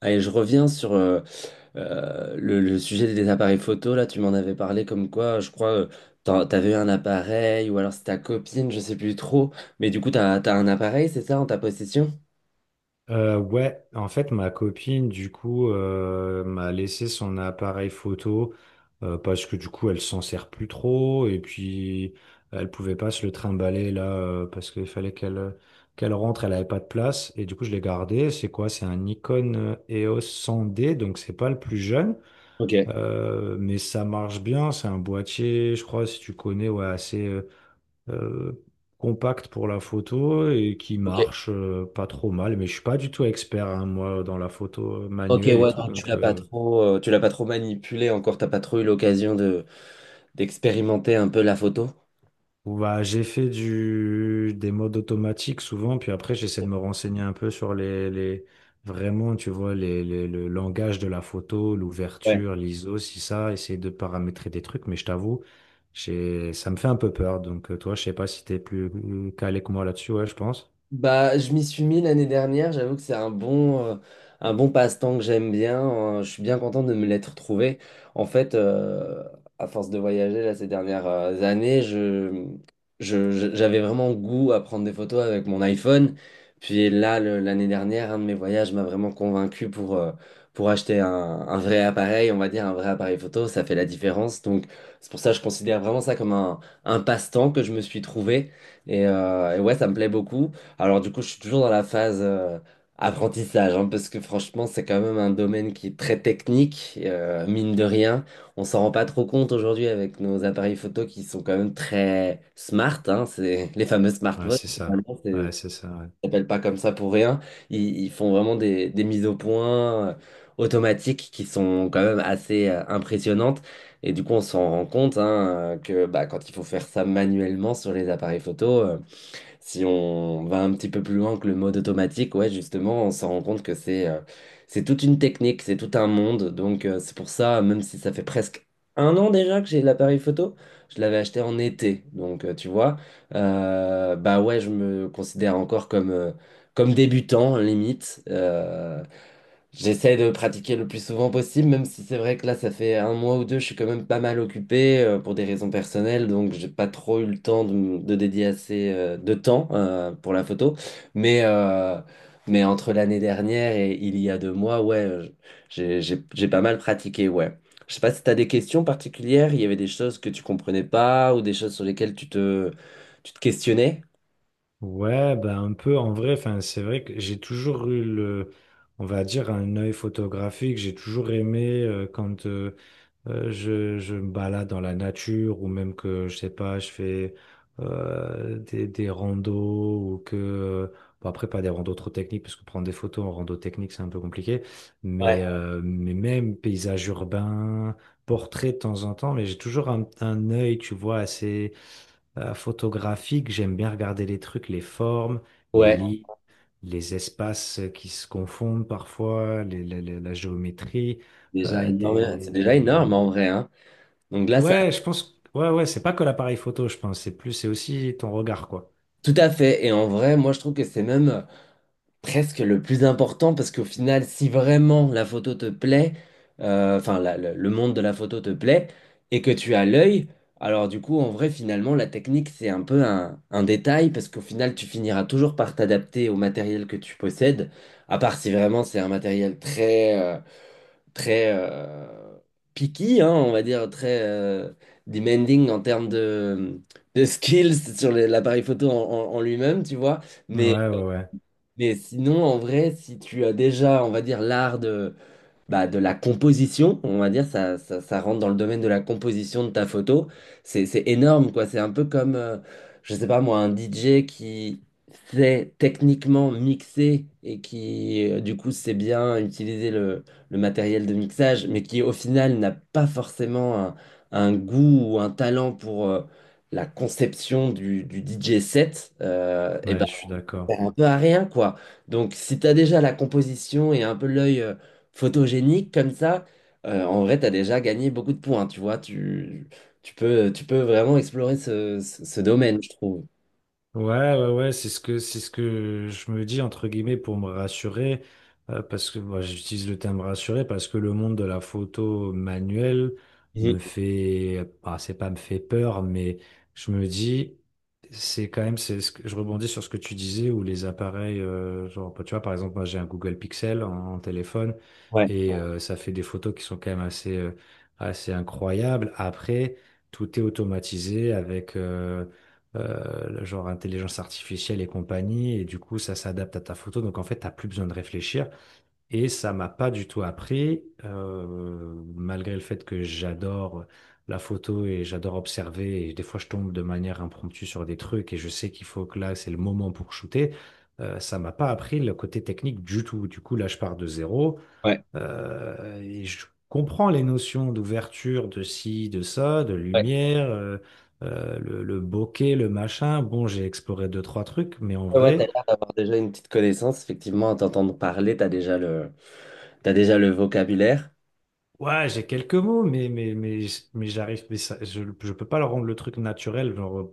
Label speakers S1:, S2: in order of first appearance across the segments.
S1: Allez, je reviens sur le sujet des appareils photo. Là, tu m'en avais parlé comme quoi, je crois, t'avais eu un appareil ou alors c'est ta copine, je sais plus trop. Mais du coup, t'as un appareil, c'est ça, en ta possession?
S2: Ouais, en fait, ma copine, du coup, m'a laissé son appareil photo parce que du coup, elle s'en sert plus trop et puis elle pouvait pas se le trimballer là parce qu'il fallait qu'elle rentre, elle avait pas de place et du coup, je l'ai gardé. C'est quoi? C'est un Nikon EOS 100D, donc c'est pas le plus jeune,
S1: Ok.
S2: mais ça marche bien. C'est un boîtier, je crois, si tu connais, ouais, assez. Euh, Compact pour la photo et qui
S1: Ok.
S2: marche pas trop mal. Mais je suis pas du tout expert, hein, moi, dans la photo
S1: Ok,
S2: manuelle et
S1: ouais,
S2: tout.
S1: donc tu
S2: Donc,
S1: l'as pas trop, tu l'as pas trop manipulé encore, t'as pas trop eu l'occasion de d'expérimenter un peu la photo.
S2: bah, j'ai fait des modes automatiques souvent. Puis après, j'essaie de me renseigner un peu sur les vraiment, tu vois, le langage de la photo, l'ouverture, l'ISO, si ça, essayer de paramétrer des trucs. Mais je t'avoue, ça me fait un peu peur. Donc, toi, je sais pas si t'es plus calé que moi là-dessus. Ouais, je pense.
S1: Bah, je m'y suis mis l'année dernière. J'avoue que c'est un bon passe-temps que j'aime bien, hein. Je suis bien content de me l'être trouvé. En fait, à force de voyager là, ces dernières années, j'avais vraiment goût à prendre des photos avec mon iPhone. Puis là, l'année dernière, un de mes voyages m'a vraiment convaincu pour acheter un vrai appareil, on va dire un vrai appareil photo. Ça fait la différence. Donc, c'est pour ça que je considère vraiment ça comme un passe-temps que je me suis trouvé. Et ouais, ça me plaît beaucoup. Alors du coup, je suis toujours dans la phase apprentissage, hein, parce que franchement, c'est quand même un domaine qui est très technique, mine de rien. On s'en rend pas trop compte aujourd'hui avec nos appareils photo qui sont quand même très smart, hein, c'est les fameux
S2: Ouais,
S1: smartphones,
S2: c'est ça.
S1: finalement,
S2: Ouais, c'est ça, ouais.
S1: ça s'appelle pas comme ça pour rien. Ils font vraiment des mises au point automatiques qui sont quand même assez impressionnantes. Et du coup, on s'en rend compte hein, que bah, quand il faut faire ça manuellement sur les appareils photo. Si on va un petit peu plus loin que le mode automatique, ouais, justement, on s'en rend compte que c'est toute une technique, c'est tout un monde. Donc c'est pour ça, même si ça fait presque un an déjà que j'ai l'appareil photo, je l'avais acheté en été. Donc tu vois, bah ouais, je me considère encore comme débutant limite. J'essaie de pratiquer le plus souvent possible, même si c'est vrai que là, ça fait un mois ou deux, je suis quand même pas mal occupé pour des raisons personnelles, donc j'ai pas trop eu le temps de, de dédier assez de temps pour la photo. Mais, euh, mais entre l'année dernière et il y a deux mois, ouais, j'ai pas mal pratiqué, ouais. Je sais pas si t'as des questions particulières, il y avait des choses que tu comprenais pas ou des choses sur lesquelles tu te questionnais.
S2: Ouais, bah un peu en vrai, enfin, c'est vrai que j'ai toujours eu on va dire, un œil photographique. J'ai toujours aimé quand je me balade dans la nature ou même que, je sais pas, je fais des randos ou que, bon, après, pas des randos trop techniques parce que prendre des photos en rando technique, c'est un peu compliqué,
S1: Ouais.
S2: mais même paysage urbain, portrait de temps en temps, mais j'ai toujours un œil, tu vois, assez photographique, j'aime bien regarder les trucs, les formes, les
S1: Ouais,
S2: lits, les espaces qui se confondent parfois, la géométrie,
S1: déjà
S2: euh,
S1: énorme, c'est déjà
S2: des...
S1: énorme en vrai, hein. Donc là, ça
S2: Ouais, je pense. Ouais, ouais, c'est pas que l'appareil photo, je pense. C'est plus, c'est aussi ton regard, quoi.
S1: Tout à fait. Et en vrai, moi, je trouve que c'est même presque le plus important parce qu'au final, si vraiment la photo te plaît, enfin, le monde de la photo te plaît et que tu as l'œil, alors du coup, en vrai, finalement, la technique, c'est un peu un détail parce qu'au final, tu finiras toujours par t'adapter au matériel que tu possèdes, à part si vraiment c'est un matériel très picky, hein, on va dire, très demanding en termes de skills sur l'appareil photo en, en lui-même, tu vois. Mais,
S2: Ouais, ouais, ouais.
S1: mais sinon, en vrai, si tu as déjà, on va dire, l'art de la composition, on va dire, ça rentre dans le domaine de la composition de ta photo. C'est énorme, quoi. C'est un peu comme, je sais pas moi, un DJ qui sait techniquement mixer et qui, du coup, sait bien utiliser le matériel de mixage, mais qui, au final, n'a pas forcément un goût ou un talent pour la conception du DJ set, et ben,
S2: Ouais, je suis d'accord.
S1: un peu à rien, quoi. Donc, si t'as déjà la composition et un peu l'œil photogénique comme ça, en vrai, t'as déjà gagné beaucoup de points, tu vois. Tu peux vraiment explorer ce, ce domaine, je trouve.
S2: Ouais, ouais, ouais, c'est ce que je me dis entre guillemets pour me rassurer, parce que moi j'utilise le terme rassurer parce que le monde de la photo manuelle
S1: Mhm.
S2: me fait, ah, c'est pas me fait peur, mais je me dis c'est quand même c'est ce que je rebondis sur ce que tu disais où les appareils, genre bah, tu vois par exemple moi j'ai un Google Pixel en téléphone
S1: Ouais,
S2: et ça fait des photos qui sont quand même assez assez incroyables. Après tout est automatisé avec genre intelligence artificielle et compagnie, et du coup, ça s'adapte à ta photo. Donc, en fait, t'as plus besoin de réfléchir. Et ça m'a pas du tout appris, malgré le fait que j'adore la photo et j'adore observer. Et des fois, je tombe de manière impromptue sur des trucs et je sais qu'il faut que là, c'est le moment pour shooter. Ça m'a pas appris le côté technique du tout. Du coup, là, je pars de zéro.
S1: ouais,
S2: Et je comprends les notions d'ouverture, de ci, de ça, de
S1: ouais.
S2: lumière, le bokeh, le machin. Bon, j'ai exploré deux, trois trucs, mais en
S1: Ouais, ouais, t'as
S2: vrai,
S1: l'air d'avoir déjà une petite connaissance. Effectivement, à t'entendre parler, t'as déjà le vocabulaire.
S2: ouais, j'ai quelques mots, mais, mais j'arrive, mais ça- je peux pas leur rendre le truc naturel. Genre,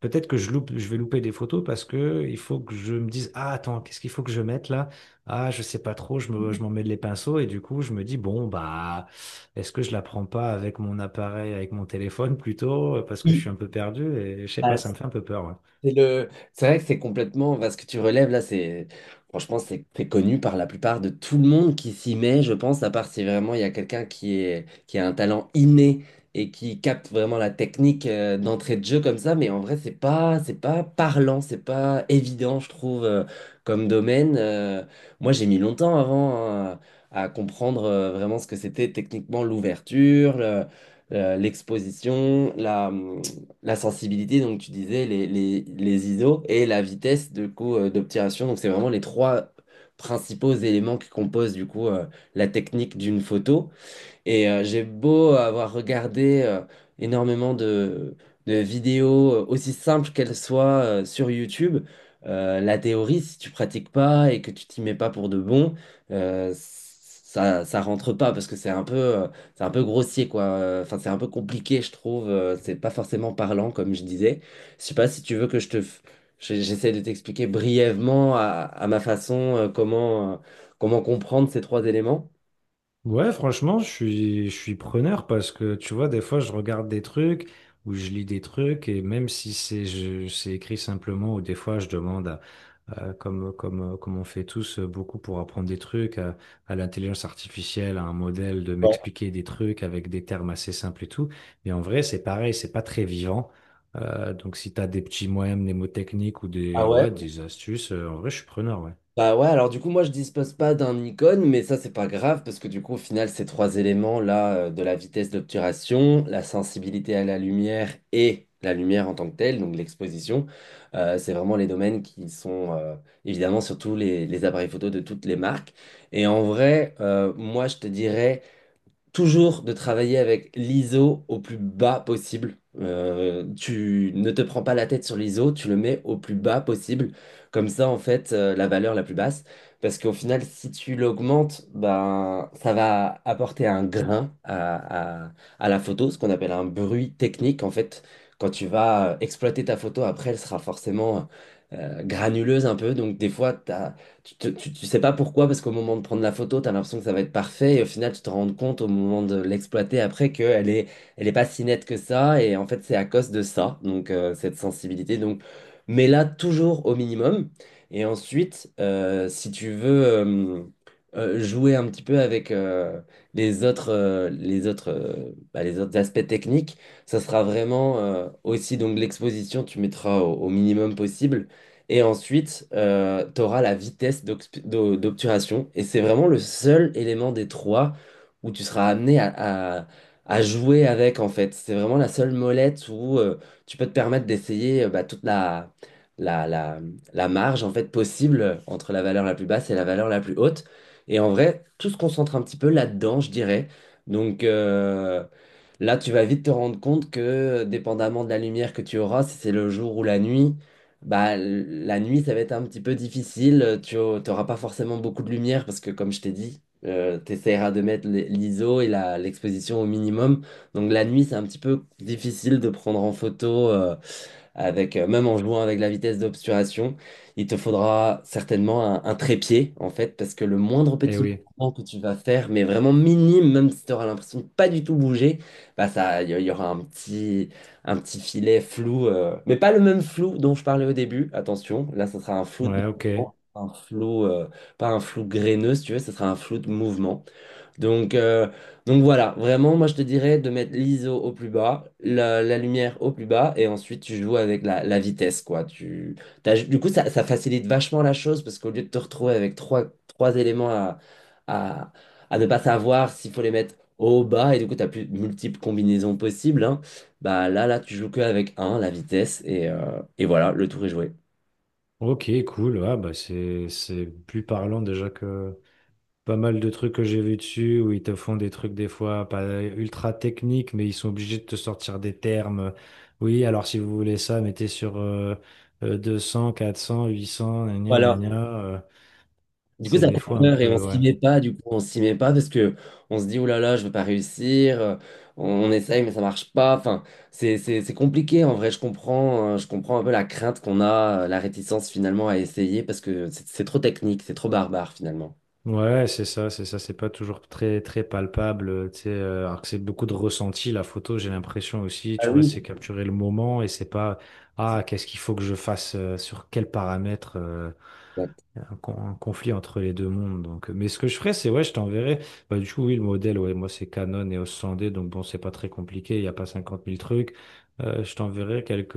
S2: peut-être que je loupe, je vais louper des photos parce que il faut que je me dise, ah attends, qu'est-ce qu'il faut que je mette là? Ah, je sais pas trop, je m'en mêle les pinceaux et du coup je me dis, bon bah est-ce que je la prends pas avec mon appareil, avec mon téléphone plutôt, parce que je
S1: Oui.
S2: suis un peu perdu et je sais pas, ça me fait un peu peur. Ouais.
S1: C'est vrai que c'est complètement. Parce que tu relèves là, c'est franchement c'est connu par la plupart de tout le monde qui s'y met, je pense, à part si vraiment il y a quelqu'un qui a un talent inné et qui capte vraiment la technique d'entrée de jeu comme ça. Mais en vrai, c'est pas parlant, c'est pas évident, je trouve, comme domaine. Moi, j'ai mis longtemps avant hein, à comprendre vraiment ce que c'était techniquement l'ouverture, l'exposition, la sensibilité, donc tu disais, les ISO et la vitesse de coup d'obturation. Donc c'est vraiment les trois principaux éléments qui composent du coup la technique d'une photo. Et j'ai beau avoir regardé énormément de vidéos, aussi simples qu'elles soient, sur YouTube, la théorie, si tu pratiques pas et que tu t'y mets pas pour de bon, ça, ça rentre pas parce que c'est un peu grossier, quoi. Enfin, c'est un peu compliqué, je trouve. C'est pas forcément parlant, comme je disais. Je sais pas si tu veux que je te... f- j'ai- J'essaie de t'expliquer brièvement à ma façon, comment comprendre ces trois éléments.
S2: Ouais, franchement, je suis preneur parce que tu vois, des fois, je regarde des trucs ou je lis des trucs et même si c'est c'est écrit simplement ou des fois, je demande, comme, comme on fait tous beaucoup pour apprendre des trucs, à l'intelligence artificielle, à un modèle de
S1: Ouais.
S2: m'expliquer des trucs avec des termes assez simples et tout. Mais en vrai, c'est pareil, c'est pas très vivant. Donc, si tu as des petits moyens mnémotechniques ou
S1: Ah ouais?
S2: ouais, des astuces, en vrai, je suis preneur, ouais.
S1: Bah ouais, alors du coup, moi je dispose pas d'un icône, mais ça c'est pas grave parce que du coup, au final, ces trois éléments là, de la vitesse d'obturation, la sensibilité à la lumière et la lumière en tant que telle, donc l'exposition, c'est vraiment les domaines qui sont évidemment surtout les appareils photo de toutes les marques. Et en vrai, moi je te dirais toujours de travailler avec l'ISO au plus bas possible. Tu ne te prends pas la tête sur l'ISO, tu le mets au plus bas possible. Comme ça, en fait, la valeur la plus basse. Parce qu'au final, si tu l'augmentes, ben, ça va apporter un grain à la photo, ce qu'on appelle un bruit technique. En fait, quand tu vas exploiter ta photo, après, elle sera forcément granuleuse un peu. Donc, des fois, tu sais pas pourquoi, parce qu'au moment de prendre la photo, tu as l'impression que ça va être parfait, et au final, tu te rends compte au moment de l'exploiter après qu'elle est pas si nette que ça, et en fait, c'est à cause de ça, donc cette sensibilité. Donc, mais là, toujours au minimum. Et ensuite, si tu veux jouer un petit peu avec les autres aspects techniques, ça sera vraiment aussi donc l'exposition, tu mettras au minimum possible. Et ensuite, tu auras la vitesse d'obturation. Et c'est vraiment le seul élément des trois où tu seras amené à jouer avec, en fait. C'est vraiment la seule molette où tu peux te permettre d'essayer toute la, la, la marge en fait, possible entre la valeur la plus basse et la valeur la plus haute. Et en vrai, tout se concentre un petit peu là-dedans, je dirais. Donc, euh, Là, tu vas vite te rendre compte que, dépendamment de la lumière que tu auras, si c'est le jour ou la nuit, bah, la nuit, ça va être un petit peu difficile. Tu n'auras pas forcément beaucoup de lumière parce que, comme je t'ai dit, tu essaieras de mettre l'ISO et l'exposition au minimum. Donc, la nuit, c'est un petit peu difficile de prendre en photo même en jouant avec la vitesse d'obturation, il te faudra certainement un trépied, en fait, parce que le moindre
S2: Eh
S1: petit
S2: oui,
S1: mouvement que tu vas faire, mais vraiment minime, même si tu auras l'impression de pas du tout bouger, bah ça, il y aura un petit filet flou, mais pas le même flou dont je parlais au début, attention, là, ce sera un flou de
S2: ouais, ok.
S1: mouvement, pas un flou graineux, si tu veux, ce sera un flou de mouvement. Donc, euh, donc voilà, vraiment, moi je te dirais de mettre l'ISO au plus bas, la lumière au plus bas, et ensuite tu joues avec la vitesse, quoi. Du coup, ça facilite vachement la chose parce qu'au lieu de te retrouver avec trois éléments à, à ne pas savoir s'il faut les mettre haut ou bas, et du coup, tu as plus de multiples combinaisons possibles, hein, bah là, tu joues que avec la vitesse, et voilà, le tour est joué.
S2: Ok, cool. Ah, bah c'est plus parlant déjà que pas mal de trucs que j'ai vu dessus où ils te font des trucs des fois pas ultra techniques, mais ils sont obligés de te sortir des termes. Oui, alors si vous voulez ça, mettez sur 200, 400, 800, gna gna
S1: Voilà.
S2: gna.
S1: Du coup,
S2: C'est
S1: ça
S2: des
S1: fait
S2: fois un
S1: peur et on
S2: peu.
S1: s'y
S2: Ouais.
S1: met pas, du coup, on s'y met pas parce que on se dit, oh là là, je vais pas réussir, on essaye mais ça marche pas. Enfin, c'est compliqué en vrai, je comprends un peu la crainte qu'on a, la réticence finalement à essayer parce que c'est trop technique, c'est trop barbare finalement.
S2: Ouais, c'est ça, c'est pas toujours très palpable, tu sais, alors que c'est beaucoup de ressenti, la photo, j'ai l'impression aussi,
S1: Ah
S2: tu vois,
S1: oui.
S2: c'est capturer le moment et c'est pas, ah, qu'est-ce qu'il faut que je fasse, sur quels paramètres,
S1: Exact.
S2: il y a un, un conflit entre les deux mondes. Donc mais ce que je ferais, c'est ouais, je t'enverrai. Bah, du coup, oui, le modèle, ouais, moi, c'est Canon et EOS 100D, donc bon, c'est pas très compliqué, il n'y a pas cinquante mille trucs. Je t'enverrai quelques,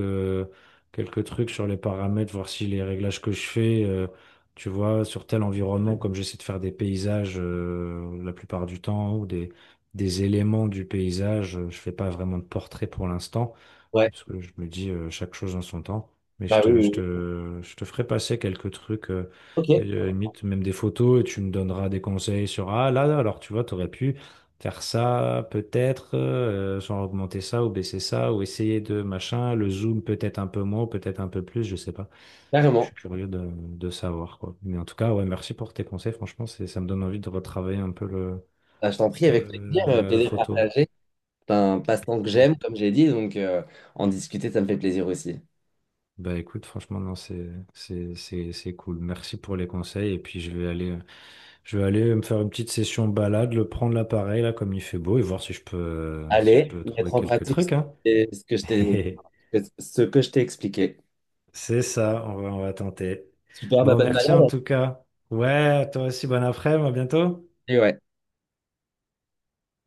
S2: quelques trucs sur les paramètres, voir si les réglages que je fais, tu vois, sur tel environnement, ouais, comme j'essaie de faire des paysages la plupart du temps, ou des éléments du paysage, je fais pas vraiment de portrait pour l'instant.
S1: Ouais,
S2: Parce que je me dis chaque chose en son temps. Mais
S1: bah oui, oui, oui.
S2: je te ferai passer quelques trucs,
S1: Ok,
S2: limite même des photos, et tu me donneras des conseils sur ah là, là, alors tu vois, tu aurais pu faire ça, peut-être, sans augmenter ça, ou baisser ça, ou essayer de machin, le zoom peut-être un peu moins, peut-être un peu plus, je sais pas. Je
S1: carrément.
S2: suis curieux de savoir, quoi. Mais en tout cas, ouais, merci pour tes conseils, franchement, c'est, ça me donne envie de retravailler un peu
S1: Bah, je t'en prie, avec plaisir,
S2: la
S1: plaisir
S2: photo.
S1: partagé. C'est un passe-temps que j'aime, comme j'ai dit, donc en discuter, ça me fait plaisir aussi.
S2: Bah écoute, franchement, non, c'est cool. Merci pour les conseils. Et puis, je vais aller me faire une petite session balade, le prendre l'appareil, là, comme il fait beau, et voir si je peux, si je
S1: Allez,
S2: peux
S1: mettre
S2: trouver
S1: en
S2: quelques
S1: pratique ce
S2: trucs, hein.
S1: que ce que je t'ai Ce que je t'ai expliqué.
S2: C'est ça, on va tenter.
S1: Super
S2: Bon,
S1: bonne
S2: merci en
S1: Malade.
S2: tout cas. Ouais, toi aussi, bon après-midi, à bientôt.
S1: Et ouais.